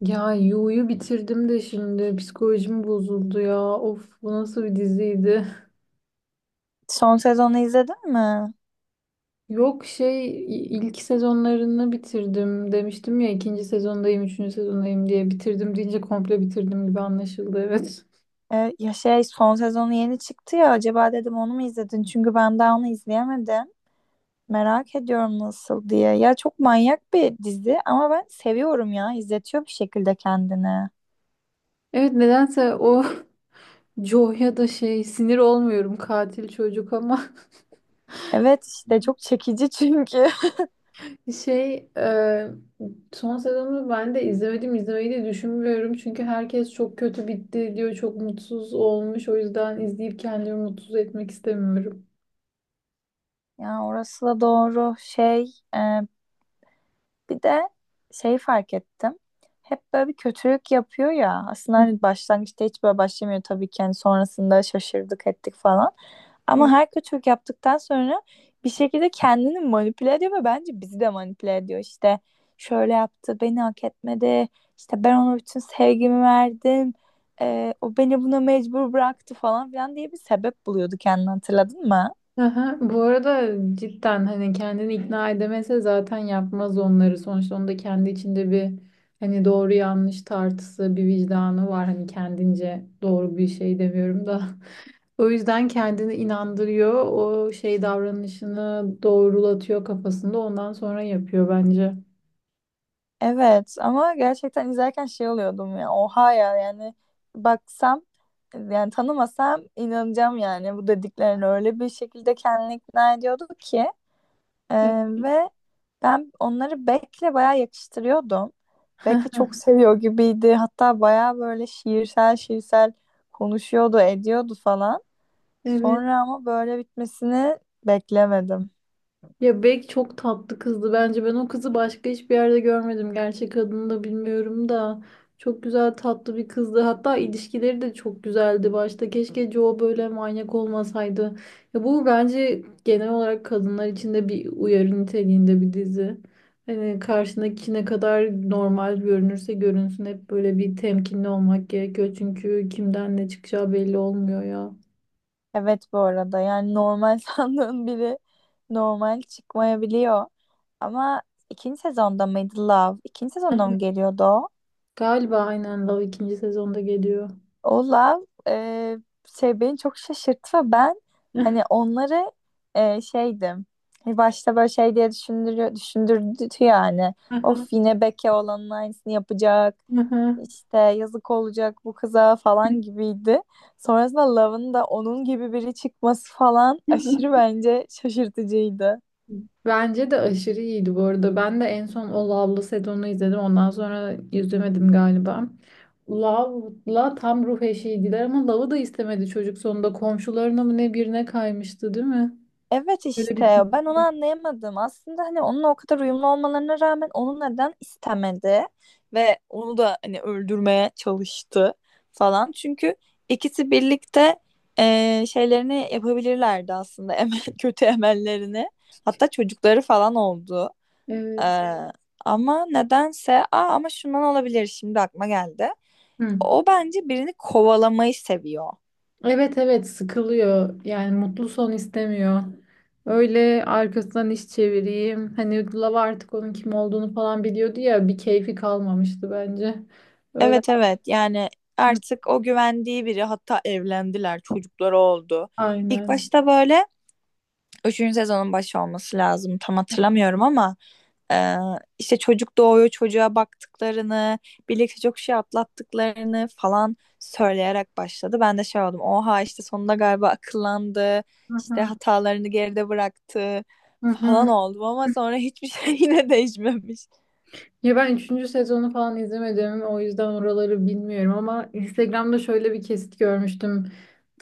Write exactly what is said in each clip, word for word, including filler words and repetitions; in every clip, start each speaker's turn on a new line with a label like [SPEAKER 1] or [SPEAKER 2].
[SPEAKER 1] Ya Yu'yu bitirdim de şimdi psikolojim bozuldu ya. Of, bu nasıl bir diziydi?
[SPEAKER 2] Son sezonu izledin mi?
[SPEAKER 1] Yok şey i- ilk sezonlarını bitirdim demiştim ya, ikinci sezondayım, üçüncü sezondayım diye. Bitirdim deyince komple bitirdim gibi anlaşıldı, evet.
[SPEAKER 2] Ee, ya şey son sezonu yeni çıktı ya, acaba dedim onu mu izledin? Çünkü ben daha onu izleyemedim. Merak ediyorum nasıl diye. Ya çok manyak bir dizi ama ben seviyorum ya. İzletiyor bir şekilde kendini.
[SPEAKER 1] Evet, nedense o. Jo'ya da şey, sinir olmuyorum katil çocuk ama.
[SPEAKER 2] Evet, işte çok çekici çünkü.
[SPEAKER 1] Şey, e, Son sezonu ben de izlemedim, izlemeyi de düşünmüyorum. Çünkü herkes çok kötü bitti diyor, çok mutsuz olmuş. O yüzden izleyip kendimi mutsuz etmek istemiyorum.
[SPEAKER 2] Ya orası da doğru. şey. E, bir de şey fark ettim. Hep böyle bir kötülük yapıyor ya. Aslında
[SPEAKER 1] Hı.
[SPEAKER 2] hani başlangıçta hiç böyle başlamıyor tabii ki. Hani sonrasında şaşırdık ettik falan. Ama
[SPEAKER 1] Evet.
[SPEAKER 2] her kötülük yaptıktan sonra bir şekilde kendini manipüle ediyor ve bence bizi de manipüle ediyor. İşte şöyle yaptı, beni hak etmedi. İşte ben ona bütün sevgimi verdim. Ee, o beni buna mecbur bıraktı falan filan diye bir sebep buluyordu kendini, hatırladın mı?
[SPEAKER 1] Aha, bu arada cidden hani kendini ikna edemese zaten yapmaz onları. Sonuçta onda kendi içinde bir, hani doğru yanlış tartısı, bir vicdanı var. Hani kendince doğru bir şey demiyorum da. O yüzden kendini inandırıyor. O şey davranışını doğrulatıyor kafasında. Ondan sonra yapıyor bence.
[SPEAKER 2] Evet ama gerçekten izlerken şey oluyordum ya. Oha ya, yani baksam, yani tanımasam inanacağım yani bu dediklerine, öyle bir şekilde kendini ikna ediyordu ki. Ee,
[SPEAKER 1] Evet.
[SPEAKER 2] ve ben onları Beck'le bayağı yakıştırıyordum. Beck'i çok seviyor gibiydi. Hatta bayağı böyle şiirsel şiirsel konuşuyordu, ediyordu falan.
[SPEAKER 1] Evet.
[SPEAKER 2] Sonra ama böyle bitmesini beklemedim.
[SPEAKER 1] Ya Bek çok tatlı kızdı bence. Ben o kızı başka hiçbir yerde görmedim. Gerçek adını da bilmiyorum da. Çok güzel tatlı bir kızdı. Hatta ilişkileri de çok güzeldi başta. Keşke Joe böyle manyak olmasaydı. Ya bu bence genel olarak kadınlar için de bir uyarı niteliğinde bir dizi. Hani karşındaki ne kadar normal görünürse görünsün hep böyle bir temkinli olmak gerekiyor. Çünkü kimden ne çıkacağı belli olmuyor ya.
[SPEAKER 2] Evet, bu arada yani normal sandığın biri normal çıkmayabiliyor. Ama ikinci sezonda mıydı Love? İkinci sezonda mı geliyordu o?
[SPEAKER 1] Galiba aynen, Love ikinci sezonda geliyor.
[SPEAKER 2] Olaf e, şey beni çok şaşırttı ve ben hani onları e, şeydim. Hani başta böyle şey diye düşündürüyor, düşündürdü yani. Of, yine Beke olanın aynısını yapacak. İşte yazık olacak bu kıza falan gibiydi. Sonrasında Love'ın da onun gibi biri çıkması falan aşırı bence şaşırtıcıydı.
[SPEAKER 1] Bence de aşırı iyiydi bu arada. Ben de en son o Love'lı sezonunu izledim. Ondan sonra izlemedim galiba. Love'la tam ruh eşiydiler ama Love'ı da istemedi çocuk sonunda. Komşularına mı ne birine kaymıştı, değil mi?
[SPEAKER 2] Evet
[SPEAKER 1] Böyle
[SPEAKER 2] işte
[SPEAKER 1] bitmişti.
[SPEAKER 2] ben onu anlayamadım. Aslında hani onunla o kadar uyumlu olmalarına rağmen onu neden istemedi ve onu da hani öldürmeye çalıştı falan. Çünkü ikisi birlikte eee, şeylerini yapabilirlerdi aslında, emel, kötü emellerini. Hatta çocukları falan oldu. Eee,
[SPEAKER 1] Evet.
[SPEAKER 2] Evet. Ama nedense, aa, ama şundan olabilir, şimdi aklıma geldi.
[SPEAKER 1] Hı.
[SPEAKER 2] O bence birini kovalamayı seviyor.
[SPEAKER 1] Evet, evet, sıkılıyor. Yani mutlu son istemiyor. Öyle arkasından iş çevireyim. Hani Love artık onun kim olduğunu falan biliyordu ya. Bir keyfi kalmamıştı bence. Öyle.
[SPEAKER 2] Evet evet, yani
[SPEAKER 1] Hı.
[SPEAKER 2] artık o güvendiği biri, hatta evlendiler, çocukları oldu. İlk
[SPEAKER 1] Aynen.
[SPEAKER 2] başta böyle, üçüncü sezonun başı olması lazım, tam hatırlamıyorum ama ee, işte çocuk doğuyor, çocuğa baktıklarını, birlikte çok şey atlattıklarını falan söyleyerek başladı. Ben de şey oldum. Oha, işte sonunda galiba akıllandı,
[SPEAKER 1] Hı
[SPEAKER 2] işte
[SPEAKER 1] hı.
[SPEAKER 2] hatalarını geride bıraktı
[SPEAKER 1] Hı hı.
[SPEAKER 2] falan oldum, ama sonra hiçbir şey yine değişmemiş.
[SPEAKER 1] Ya ben üçüncü sezonu falan izlemedim. O yüzden oraları bilmiyorum ama Instagram'da şöyle bir kesit görmüştüm.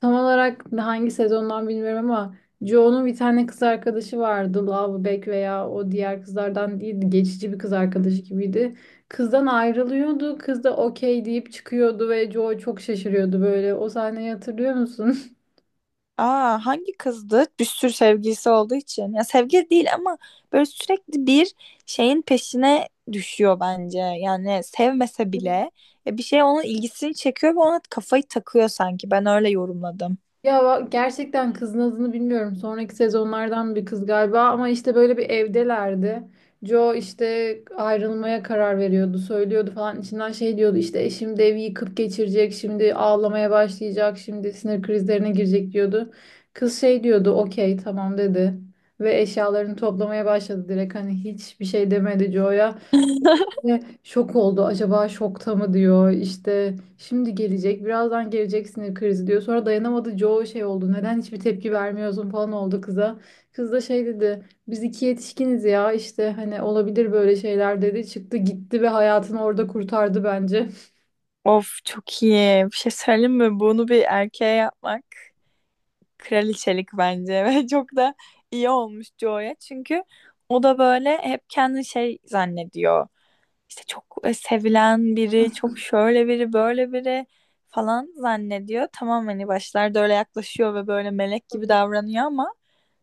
[SPEAKER 1] Tam olarak hangi sezondan bilmiyorum ama Joe'nun bir tane kız arkadaşı vardı. Love veya o diğer kızlardan değildi. Geçici bir kız arkadaşı gibiydi. Kızdan ayrılıyordu. Kız da okey deyip çıkıyordu ve Joe çok şaşırıyordu böyle. O sahneyi hatırlıyor musun?
[SPEAKER 2] Aa, hangi kızdı? Bir sürü sevgilisi olduğu için. Ya sevgili değil ama böyle sürekli bir şeyin peşine düşüyor bence. Yani sevmese bile ya bir şey onun ilgisini çekiyor ve ona kafayı takıyor sanki. Ben öyle yorumladım.
[SPEAKER 1] Ya va- gerçekten kızın adını bilmiyorum. Sonraki sezonlardan bir kız galiba ama işte böyle bir evdelerdi. Joe işte ayrılmaya karar veriyordu, söylüyordu falan. İçinden şey diyordu, işte eşim de evi yıkıp geçirecek, şimdi ağlamaya başlayacak, şimdi sinir krizlerine girecek diyordu. Kız şey diyordu, okey tamam dedi. Ve eşyalarını toplamaya başladı direkt, hani hiçbir şey demedi Joe'ya. Ve şok oldu. Acaba şokta mı diyor. İşte şimdi gelecek. Birazdan gelecek sinir krizi diyor. Sonra dayanamadı. Joe şey oldu, neden hiçbir tepki vermiyorsun falan oldu kıza. Kız da şey dedi, biz iki yetişkiniz ya. İşte hani olabilir böyle şeyler dedi. Çıktı gitti ve hayatını orada kurtardı bence.
[SPEAKER 2] Of çok iyi. Bir şey söyleyeyim mi? Bunu bir erkeğe yapmak kraliçelik bence, ve çok da iyi olmuş Joe'ya. Çünkü o da böyle hep kendini şey zannediyor, işte çok e, sevilen biri, çok şöyle biri, böyle biri falan zannediyor. Tamam, hani başlarda öyle yaklaşıyor ve böyle melek gibi davranıyor ama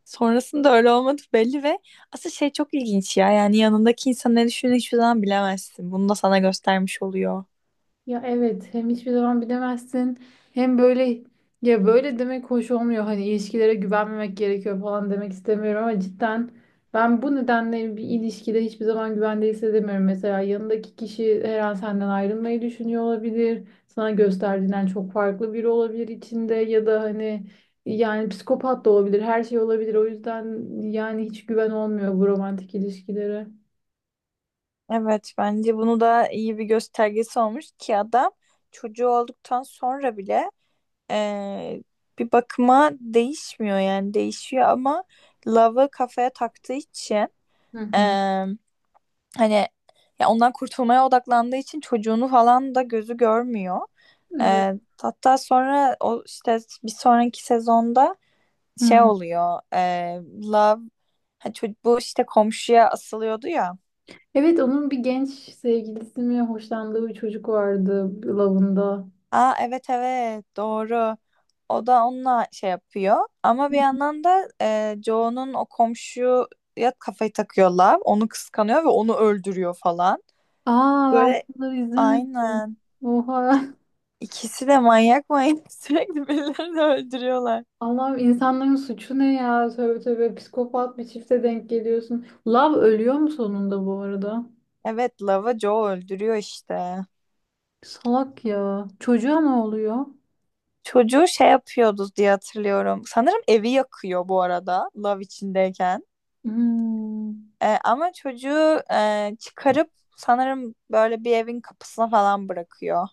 [SPEAKER 2] sonrasında öyle olmadı belli ve asıl şey çok ilginç ya. Yani yanındaki insan ne düşündüğünü hiçbir zaman bilemezsin. Bunu da sana göstermiş oluyor.
[SPEAKER 1] Ya evet, hem hiçbir zaman bilemezsin, hem böyle, ya böyle demek hoş olmuyor, hani ilişkilere güvenmemek gerekiyor falan demek istemiyorum ama cidden ben bu nedenle bir ilişkide hiçbir zaman güvende hissedemiyorum. Mesela yanındaki kişi her an senden ayrılmayı düşünüyor olabilir. Sana gösterdiğinden çok farklı biri olabilir içinde, ya da hani, yani psikopat da olabilir, her şey olabilir. O yüzden yani hiç güven olmuyor bu romantik ilişkilere.
[SPEAKER 2] Evet, bence bunu da iyi bir göstergesi olmuş ki adam çocuğu olduktan sonra bile eee, bir bakıma değişmiyor, yani değişiyor ama Love'ı kafaya taktığı için,
[SPEAKER 1] Hı hı.
[SPEAKER 2] eee, hani ya ondan kurtulmaya odaklandığı için çocuğunu falan da gözü görmüyor.
[SPEAKER 1] Evet.
[SPEAKER 2] Ee, Hatta sonra o işte bir sonraki sezonda şey oluyor. ee, Love, ha, ço- bu işte komşuya asılıyordu ya.
[SPEAKER 1] Evet, onun bir genç sevgilisi mi, hoşlandığı bir çocuk vardı Love'ında.
[SPEAKER 2] Aa evet evet, doğru. O da onunla şey yapıyor. Ama bir yandan da ee, Joe'nun o komşuya kafayı takıyor Love. Onu kıskanıyor ve onu öldürüyor falan.
[SPEAKER 1] Aa, ben
[SPEAKER 2] Böyle,
[SPEAKER 1] bunları izlemedim.
[SPEAKER 2] aynen.
[SPEAKER 1] Oha.
[SPEAKER 2] İkisi de manyak manyak sürekli birilerini öldürüyorlar.
[SPEAKER 1] Allah'ım insanların suçu ne ya? Tövbe tövbe, psikopat bir çifte denk geliyorsun. Love ölüyor mu sonunda bu arada?
[SPEAKER 2] Evet, Lava Joe öldürüyor işte.
[SPEAKER 1] Salak ya. Çocuğa ne oluyor?
[SPEAKER 2] Çocuğu şey yapıyordu diye hatırlıyorum. Sanırım evi yakıyor bu arada, Love içindeyken.
[SPEAKER 1] Hmm.
[SPEAKER 2] Ee, ama çocuğu e, çıkarıp sanırım böyle bir evin kapısına falan bırakıyor.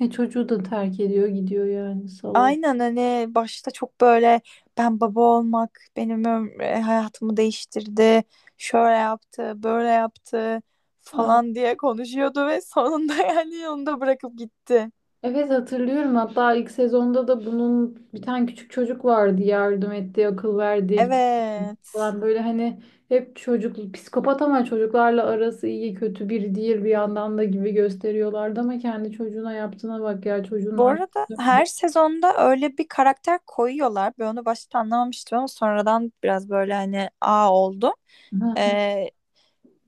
[SPEAKER 1] E çocuğu da terk ediyor gidiyor yani, salak.
[SPEAKER 2] Aynen, hani başta çok böyle ben baba olmak benim öm- e, hayatımı değiştirdi. Şöyle yaptı, böyle yaptı
[SPEAKER 1] Aa.
[SPEAKER 2] falan diye konuşuyordu ve sonunda yani onu da bırakıp gitti.
[SPEAKER 1] Evet, hatırlıyorum. Hatta ilk sezonda da bunun bir tane küçük çocuk vardı yardım ettiği, akıl verdiği, kitap
[SPEAKER 2] Evet.
[SPEAKER 1] falan, böyle hani hep çocuk psikopat ama çocuklarla arası iyi, kötü biri değil bir yandan da gibi gösteriyorlardı ama kendi çocuğuna yaptığına bak ya, çocuğun
[SPEAKER 2] Bu
[SPEAKER 1] annesi
[SPEAKER 2] arada her
[SPEAKER 1] öldü.
[SPEAKER 2] sezonda öyle bir karakter koyuyorlar. Ben onu başta anlamamıştım ama sonradan biraz böyle hani a oldu. Ee,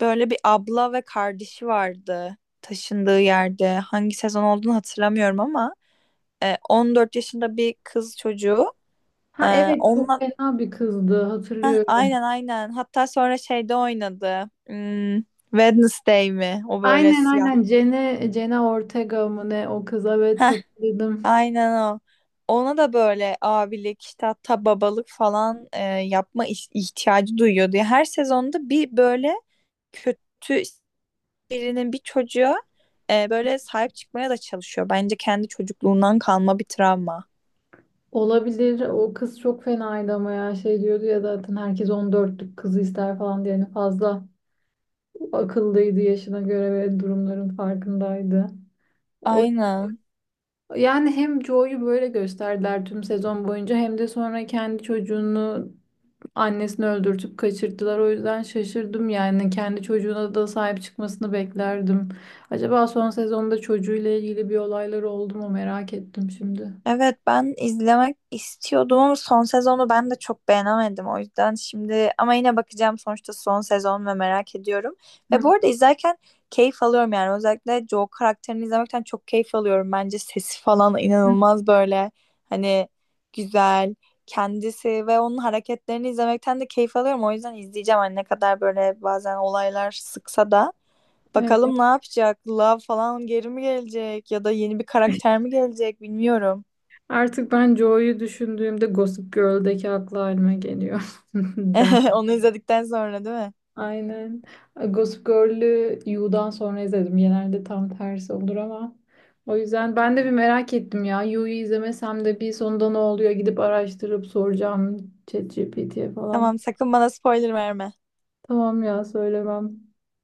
[SPEAKER 2] Böyle bir abla ve kardeşi vardı taşındığı yerde. Hangi sezon olduğunu hatırlamıyorum ama e, on dört yaşında bir kız çocuğu. E,
[SPEAKER 1] Ha evet, çok
[SPEAKER 2] onunla
[SPEAKER 1] fena bir kızdı,
[SPEAKER 2] Heh,
[SPEAKER 1] hatırlıyorum.
[SPEAKER 2] aynen aynen. Hatta sonra şeyde oynadı. Hmm, Wednesday mi? O böyle
[SPEAKER 1] Aynen
[SPEAKER 2] siyah.
[SPEAKER 1] aynen, Jenna, Jenna Ortega mı ne o kız, evet hatırladım.
[SPEAKER 2] Aynen o. Ona da böyle abilik işte, hatta babalık falan e, yapma iş- ihtiyacı duyuyordu. Ya her sezonda bir böyle kötü birinin bir çocuğa e, böyle sahip çıkmaya da çalışıyor. Bence kendi çocukluğundan kalma bir travma.
[SPEAKER 1] Olabilir. O kız çok fenaydı ama ya şey diyordu ya, zaten herkes on dörtlük kızı ister falan diye. Yani fazla akıllıydı yaşına göre ve durumların farkındaydı. O,
[SPEAKER 2] Aynen.
[SPEAKER 1] yani hem Joe'yu böyle gösterdiler tüm sezon boyunca, hem de sonra kendi çocuğunu, annesini öldürtüp kaçırttılar. O yüzden şaşırdım, yani kendi çocuğuna da sahip çıkmasını beklerdim. Acaba son sezonda çocuğuyla ilgili bir olaylar oldu mu merak ettim şimdi.
[SPEAKER 2] Evet, ben izlemek istiyordum ama son sezonu ben de çok beğenemedim, o yüzden şimdi, ama yine bakacağım sonuçta son sezon ve merak ediyorum. Ve bu
[SPEAKER 1] Hı
[SPEAKER 2] arada izlerken keyif alıyorum, yani özellikle Joe karakterini izlemekten çok keyif alıyorum. Bence sesi falan
[SPEAKER 1] hı.
[SPEAKER 2] inanılmaz, böyle hani güzel kendisi ve onun hareketlerini izlemekten de keyif alıyorum. O yüzden izleyeceğim, hani ne kadar böyle bazen olaylar sıksa da.
[SPEAKER 1] Evet.
[SPEAKER 2] Bakalım ne yapacak? Love falan geri mi gelecek ya da yeni bir karakter mi gelecek bilmiyorum.
[SPEAKER 1] Artık ben Joe'yu düşündüğümde Gossip Girl'deki aklı halime geliyor. Den.
[SPEAKER 2] Onu izledikten sonra değil mi?
[SPEAKER 1] Aynen. Gossip Girl'ü You'dan sonra izledim. Genelde tam tersi olur ama. O yüzden ben de bir merak ettim ya. You'yu izlemesem de bir, sonunda ne oluyor? Gidip araştırıp soracağım ChatGPT'ye falan.
[SPEAKER 2] Tamam, sakın bana spoiler verme.
[SPEAKER 1] Tamam ya, söylemem.